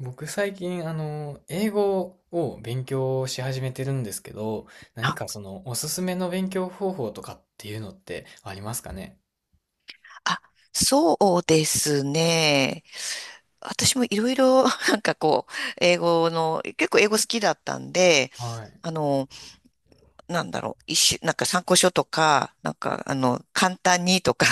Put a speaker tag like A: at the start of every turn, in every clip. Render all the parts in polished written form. A: 僕最近、英語を勉強し始めてるんですけど、何かその、おすすめの勉強方法とかっていうのってありますかね。
B: あ、そうですね。私もいろいろ、なんかこう、英語の、結構英語好きだったんで、
A: はい。
B: あの、なんだろう、一種、なんか参考書とか、簡単にとか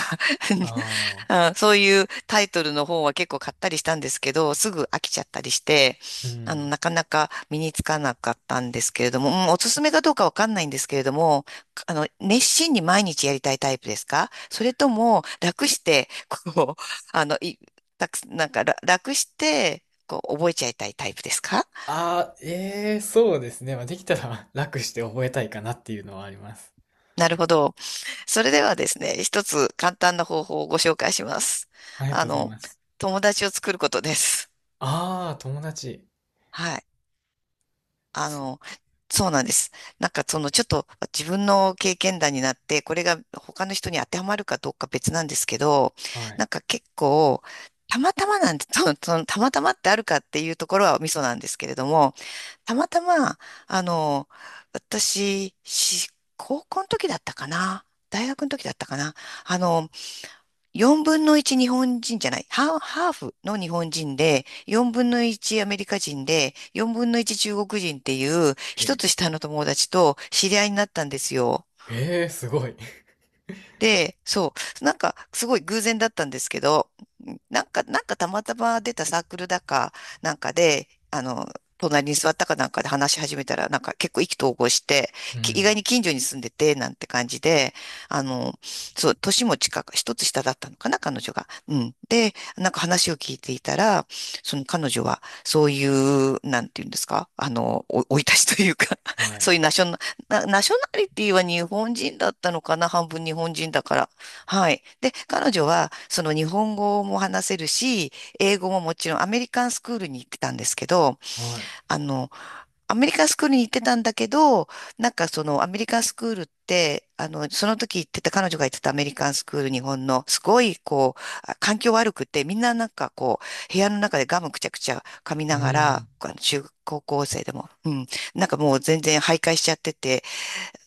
A: あ あ、
B: あそういうタイトルの本は結構買ったりしたんですけど、すぐ飽きちゃったりして、
A: うん。
B: なかなか身につかなかったんですけれども、うんおすすめかどうかわかんないんですけれども、熱心に毎日やりたいタイプですか？それとも、楽して、こう、あの、い、たく、なんか、ら楽して、こう、覚えちゃいたいタイプですか？
A: ああ、ええ、そうですね。まあ、できたら 楽して覚えたいかなっていうのはあります。
B: なるほど。それではですね、一つ簡単な方法をご紹介します。
A: ありが
B: あ
A: とうござい
B: の、
A: ます。
B: 友達を作ることです。
A: ああ、友達。
B: はい。あ
A: す
B: の、そうなんです。なんかそのちょっと自分の経験談になって、これが他の人に当てはまるかどうか別なんですけど、
A: はい。
B: なんか結構、たまたまなんて、そのたまたまってあるかっていうところはミソなんですけれども、たまたま、あの、私、高校の時だったかな、大学の時だったかな、あの、4分の1日本人じゃない、ハーフの日本人で、4分の1アメリカ人で、4分の1中国人っていう、
A: え
B: 一
A: え、
B: つ下の友達と知り合いになったんですよ。
A: ええ、すごい。
B: で、そう、なんかすごい偶然だったんですけど、なんか、たまたま出たサークルだかなんかで、隣に座ったかなんかで話し始めたら、なんか結構意気投合して、
A: う
B: 意外
A: ん。
B: に近所に住んでて、なんて感じで、あの、そう、年も近く、一つ下だったのかな、彼女が。うん。で、なんか話を聞いていたら、その彼女は、そういう、なんていうんですか、お生い立ちというか、
A: はい。
B: そういうナショナリティは日本人だったのかな、半分日本人だから。はい。で、彼女は、その日本語も話せるし、英語ももちろんアメリカンスクールに行ってたんですけど、
A: はい。
B: あの、アメリカンスクールに行ってたんだけど、なんかそのアメリカンスクールって、その時行ってた、彼女が行ってたアメリカンスクール、日本の、すごいこう、環境悪くて、みんななんかこう、部屋の中でガムくちゃくちゃ噛み
A: う
B: ながら、
A: ん。
B: 中高校生でも、うん、なんかもう全然徘徊しちゃってて、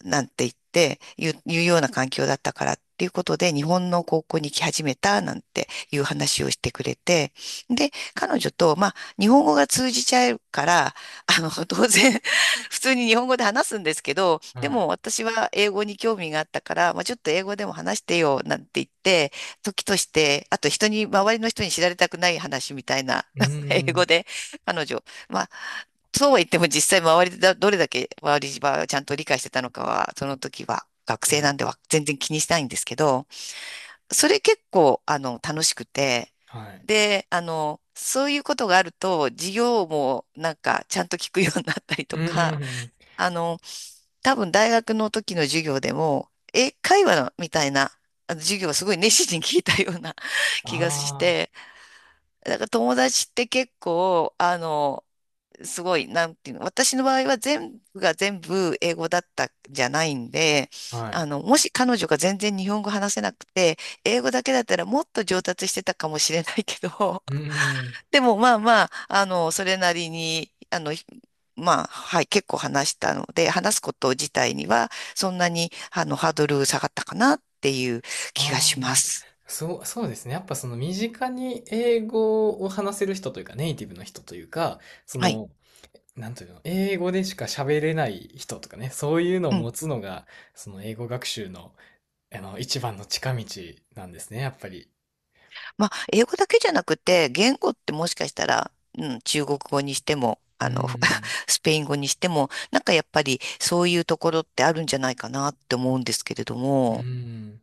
B: なんて言うような環境だったからっていうことで、日本の高校に来始めたなんていう話をしてくれて、で、彼女と、まあ、日本語が通じちゃうから、当然、普通に日本語で話すんですけど、で
A: はい。
B: も私は英語に興味があったから、まあ、ちょっと英語でも話してよなんて言って、時として、あと周りの人に知られたくない話みたいな
A: う
B: 英語
A: ん。
B: で、彼女、まあ、そうは言っても実際周りでだ、どれだけ周りはちゃんと理解してたのかは、その時は学生
A: は
B: な
A: い。
B: んでは全然気にしないんですけど、それ結構、楽しくて、
A: はい。
B: で、そういうことがあると、授業もなんかちゃんと聞くようになったりと
A: う
B: か、
A: ん。
B: あの、多分大学の時の授業でも、英会話みたいな、あの授業をすごい熱心に聞いたような 気がし
A: ああ。
B: て、だから友達って結構、すごい、なんていうの、私の場合は全部が全部英語だったんじゃないんで、
A: はい。
B: もし彼女が全然日本語話せなくて、英語だけだったらもっと上達してたかもしれないけど、
A: うーん。
B: でもまあまあ、それなりに、まあ、はい、結構話したので、話すこと自体には、そんなに、ハードル下がったかなっていう気が
A: あ
B: しま
A: あ、
B: す。
A: そう、そうですね。やっぱその身近に英語を話せる人というか、ネイティブの人というか、そ
B: はい。
A: の、なんというの、英語でしか喋れない人とかね、そういうのを
B: うん
A: 持つのが、その英語学習の、一番の近道なんですね、やっぱり。
B: まあ、英語だけじゃなくて、言語ってもしかしたら、うん、中国語にしても、
A: うーん。
B: スペイン語にしても、なんかやっぱりそういうところってあるんじゃないかなって思うんですけれど
A: うー
B: も、
A: ん。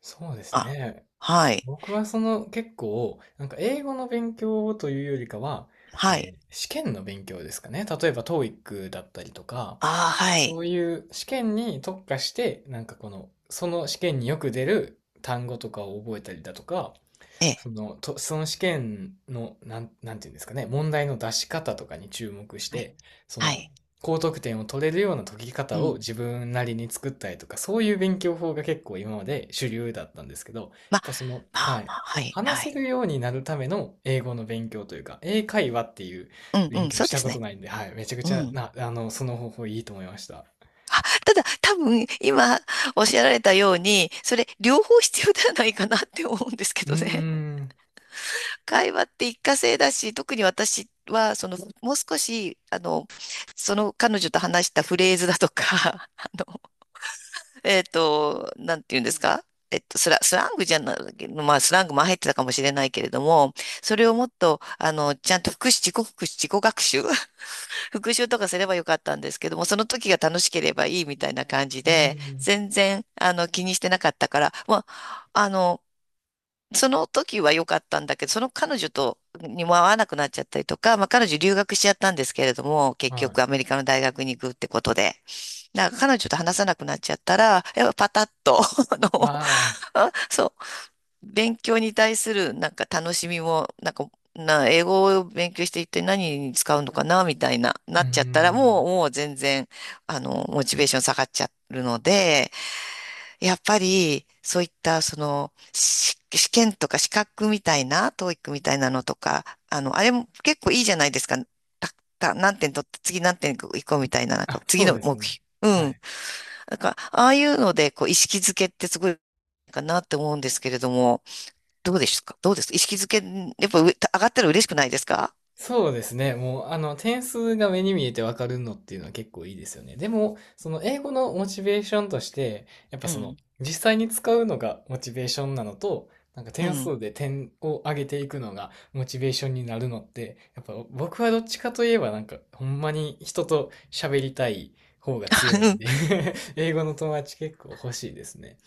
A: そうです
B: あ、
A: ね。
B: はい、
A: 僕はその結構、なんか英語の勉強というよりかは、
B: はい、
A: 試験の勉強ですかね。例えば TOEIC だったりとか、
B: ああ、は
A: そ
B: い、
A: ういう試験に特化して、なんかこの、その試験によく出る単語とかを覚えたりだとか、
B: ええ、
A: その、と、その試験の、なんていうんですかね、問題の出し方とかに注目し
B: はい、
A: て、そ
B: は
A: の、
B: い、
A: 高得点を取れるような解き
B: う
A: 方を
B: ん、
A: 自分なりに作ったりとか、そういう勉強法が結構今まで主流だったんですけど、やっ
B: まあ、
A: ぱその、
B: ま
A: は
B: あ
A: い、
B: まあ、はい、
A: 話
B: は
A: せ
B: い、
A: るようになるための英語の勉強というか、英会話っていう
B: うん、
A: 勉
B: うん、
A: 強
B: そ
A: し
B: うで
A: た
B: す
A: こと
B: ね。
A: ないんで、はい、めちゃく
B: う
A: ちゃ
B: ん。
A: な、その方法いいと思いました。
B: ただ、多分、今、おっしゃられたように、それ、両方必要ではないかなって思うんですけ
A: うー
B: どね。
A: ん、
B: 会話って一過性だし、特に私は、その、もう少し、その彼女と話したフレーズだとか、あの、なんて言うんですか？スラングじゃない、まあ、スラングも入ってたかもしれないけれども、それをもっと、ちゃんと復習、自己復習、自己学習、復習とかすればよかったんですけども、その時が楽しければいいみたいな感じ
A: うー
B: で、
A: ん、
B: 全然、気にしてなかったから、まあ、その時は良かったんだけど、その彼女とにも会わなくなっちゃったりとか、まあ彼女留学しちゃったんですけれども、結
A: は
B: 局
A: い。
B: アメリカの大学に行くってことで、だから彼女と話さなくなっちゃったら、やっぱパタッと、あ
A: あ
B: の、
A: あ、
B: あそう、勉強に対するなんか楽しみも、なんか、英語を勉強して一体何に使うのかな、みたいな、
A: う
B: な
A: ー
B: っちゃったら、
A: ん、
B: もう全然、モチベーション下がっちゃうので、やっぱり、そういった、その、試験とか資格みたいな、トーイックみたいなのとか、あれも結構いいじゃないですか。た、何点取って、次何点行こうみたいな、なんか、
A: あ、
B: 次
A: そう
B: の
A: です
B: 目
A: ね。
B: 標。う
A: は
B: ん。
A: い。
B: なんか、ああいうので、こう、意識づけってすごいかなって思うんですけれども、どうですか？どうです意識づけ、やっぱ上がったら嬉しくないですか？
A: そうですね。もう、点数が目に見えてわかるのっていうのは結構いいですよね。でも、その英語のモチベーションとして、やっぱ
B: う
A: その、
B: ん。
A: 実際に使うのがモチベーションなのと、なんか
B: う
A: 点
B: ん。
A: 数で点を上げていくのがモチベーションになるのって、やっぱ僕はどっちかといえばなんか、ほんまに人と喋りたい方が強いんで 英語の友達結構欲しいですね。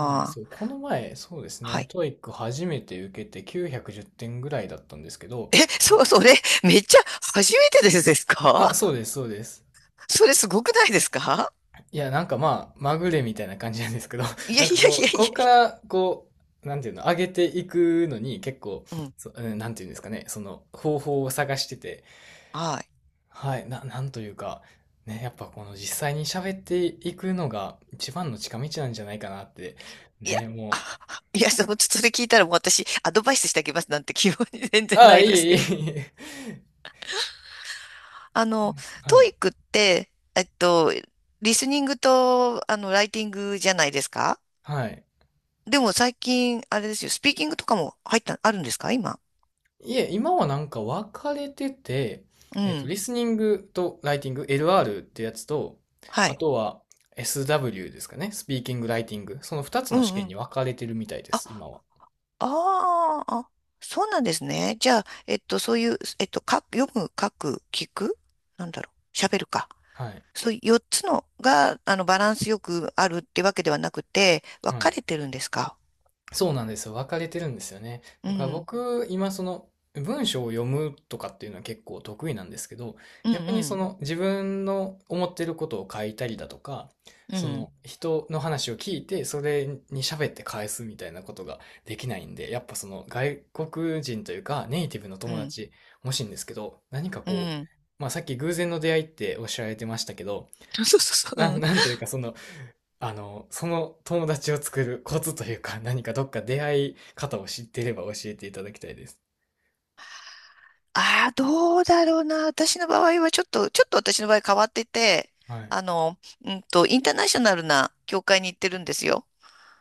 A: はい、そう、
B: あ、
A: この前、そうです
B: は
A: ね、
B: い。
A: トーイック初めて受けて910点ぐらいだったんですけど、
B: え、そう、それ、めっちゃ初めてです
A: あ、
B: か？
A: そうです、そうです。
B: それすごくないですか？
A: いや、なんかまあ、まぐれみたいな感じなんですけど、
B: いや
A: な
B: い
A: んか
B: やい
A: こ
B: や
A: う、
B: い
A: こっか
B: や、
A: ら、こう、なんていうの、上げていくのに結構、
B: うん、
A: うんなんていうんですかね、その方法を探してて、
B: はい。
A: はい、なんというか、ね、やっぱこの実際に喋っていくのが一番の近道なんじゃないかなって、
B: いや、
A: ね、も
B: いや、その、それ聞いたらもう私、アドバイスしてあげますなんて気分に全
A: う、
B: 然
A: あ
B: な
A: あ、
B: い
A: い
B: です
A: えいえ
B: よ。
A: いえ。
B: あの、
A: は
B: ト
A: い、
B: イックって、リスニングと、ライティングじゃないですか？
A: はい。
B: でも最近、あれですよ、スピーキングとかも入った、あるんですか今？
A: いえ、今はなんか分かれてて、
B: う
A: えっと、
B: ん。
A: リスニングとライティング、LR ってやつと、
B: は
A: あ
B: い。
A: とは SW ですかね、スピーキング、ライティング、その2つ
B: う
A: の試
B: ん
A: 験
B: う
A: に
B: ん。
A: 分かれてるみたいです、
B: あ、
A: 今は。
B: あーあ、そうなんですね。じゃあ、そういう、読む、書く、聞くなんだろう。喋るか。
A: はい。
B: そう、4つのが、バランスよくあるってわけではなくて、分
A: は
B: か
A: い。
B: れてるんですか？
A: そうなんですよ。分かれてるんですよね。
B: う
A: だから
B: ん、
A: 僕、今その文章を読むとかっていうのは結構得意なんですけど、
B: う
A: 逆にそ
B: ん、
A: の自分の思ってることを書いたりだとか、
B: うん、
A: そ
B: うん、
A: の人の話を聞いて、それに喋って返すみたいなことができないんで、やっぱその外国人というかネイティブの
B: う
A: 友
B: ん、
A: 達欲しいんですけど、何か
B: う
A: こう、
B: ん。
A: まあさっき偶然の出会いっておっしゃられてましたけど、
B: そうそうそう、うん。
A: なんというかそのその友達を作るコツというか、何かどっか出会い方を知っていれば教えていただきたいです。
B: ああ、どうだろうな。私の場合はちょっと、ちょっと私の場合変わってて、
A: はい。
B: あの、インターナショナルな教会に行ってるんですよ。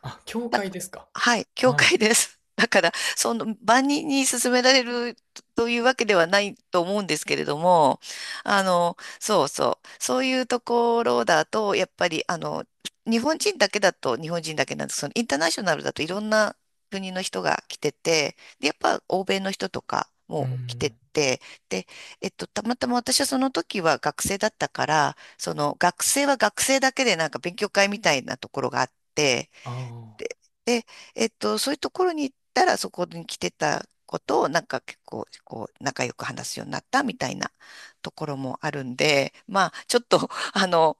A: あ、教
B: なん
A: 会
B: か、
A: ですか。
B: はい、教
A: はい。
B: 会です。だから、その、万人に勧められるというわけではないと思うんですけれども、そうそう、そういうところだと、やっぱり、日本人だけだと日本人だけなんですけど、そのインターナショナルだといろんな国の人が来てて、で、やっぱ欧米の人とか
A: う
B: も来て
A: ん。
B: て、で、たまたま私はその時は学生だったから、その学生は学生だけでなんか勉強会みたいなところがあって、
A: あ
B: そういうところに行ったら、そこに来てたことを、なんか結構、こう、仲良く話すようになったみたいなところもあるんで、まあ、ちょっと、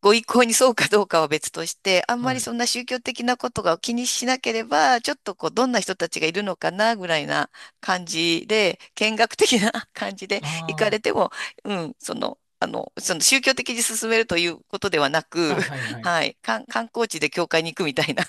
B: ご意向にそうかどうかは別として、あん
A: あ。
B: ま
A: は
B: り
A: い。
B: そんな宗教的なことが気にしなければ、ちょっとこう、どんな人たちがいるのかな、ぐらいな感じで、見学的な 感じで
A: あ
B: 行かれて
A: あ。
B: も、うん、その、その宗教的に進めるということではなく、
A: あ、はいはい。
B: はい、観光地で教会に行くみたいな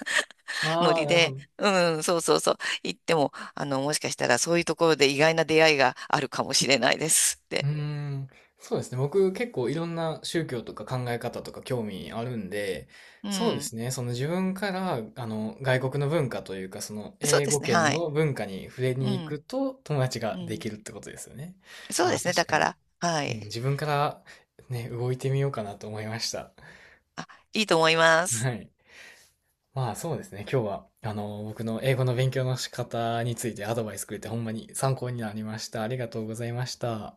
B: ノ
A: ああ、
B: リ
A: なるほ
B: で、
A: ど。
B: うん、そうそうそう、行っても、もしかしたらそういうところで意外な出会いがあるかもしれないですっ
A: うー
B: て。
A: ん。そうですね。僕結構いろんな宗教とか考え方とか興味あるんで、
B: う
A: そうで
B: ん、
A: すね。その自分から、外国の文化というか、その
B: そう
A: 英
B: で
A: 語
B: すね、
A: 圏
B: はい。
A: の文化に触れ
B: う
A: に行
B: ん、
A: くと友達
B: う
A: がで
B: ん、
A: きるってことですよね。
B: そう
A: あ
B: で
A: あ、
B: すね、
A: 確
B: だ
A: か
B: か
A: に。
B: ら、は
A: うん、
B: い。
A: 自分からね、動いてみようかなと思いました。
B: あ、いいと思いま
A: は
B: す。
A: い。まあそうですね、今日は、僕の英語の勉強の仕方についてアドバイスくれてほんまに参考になりました。ありがとうございました。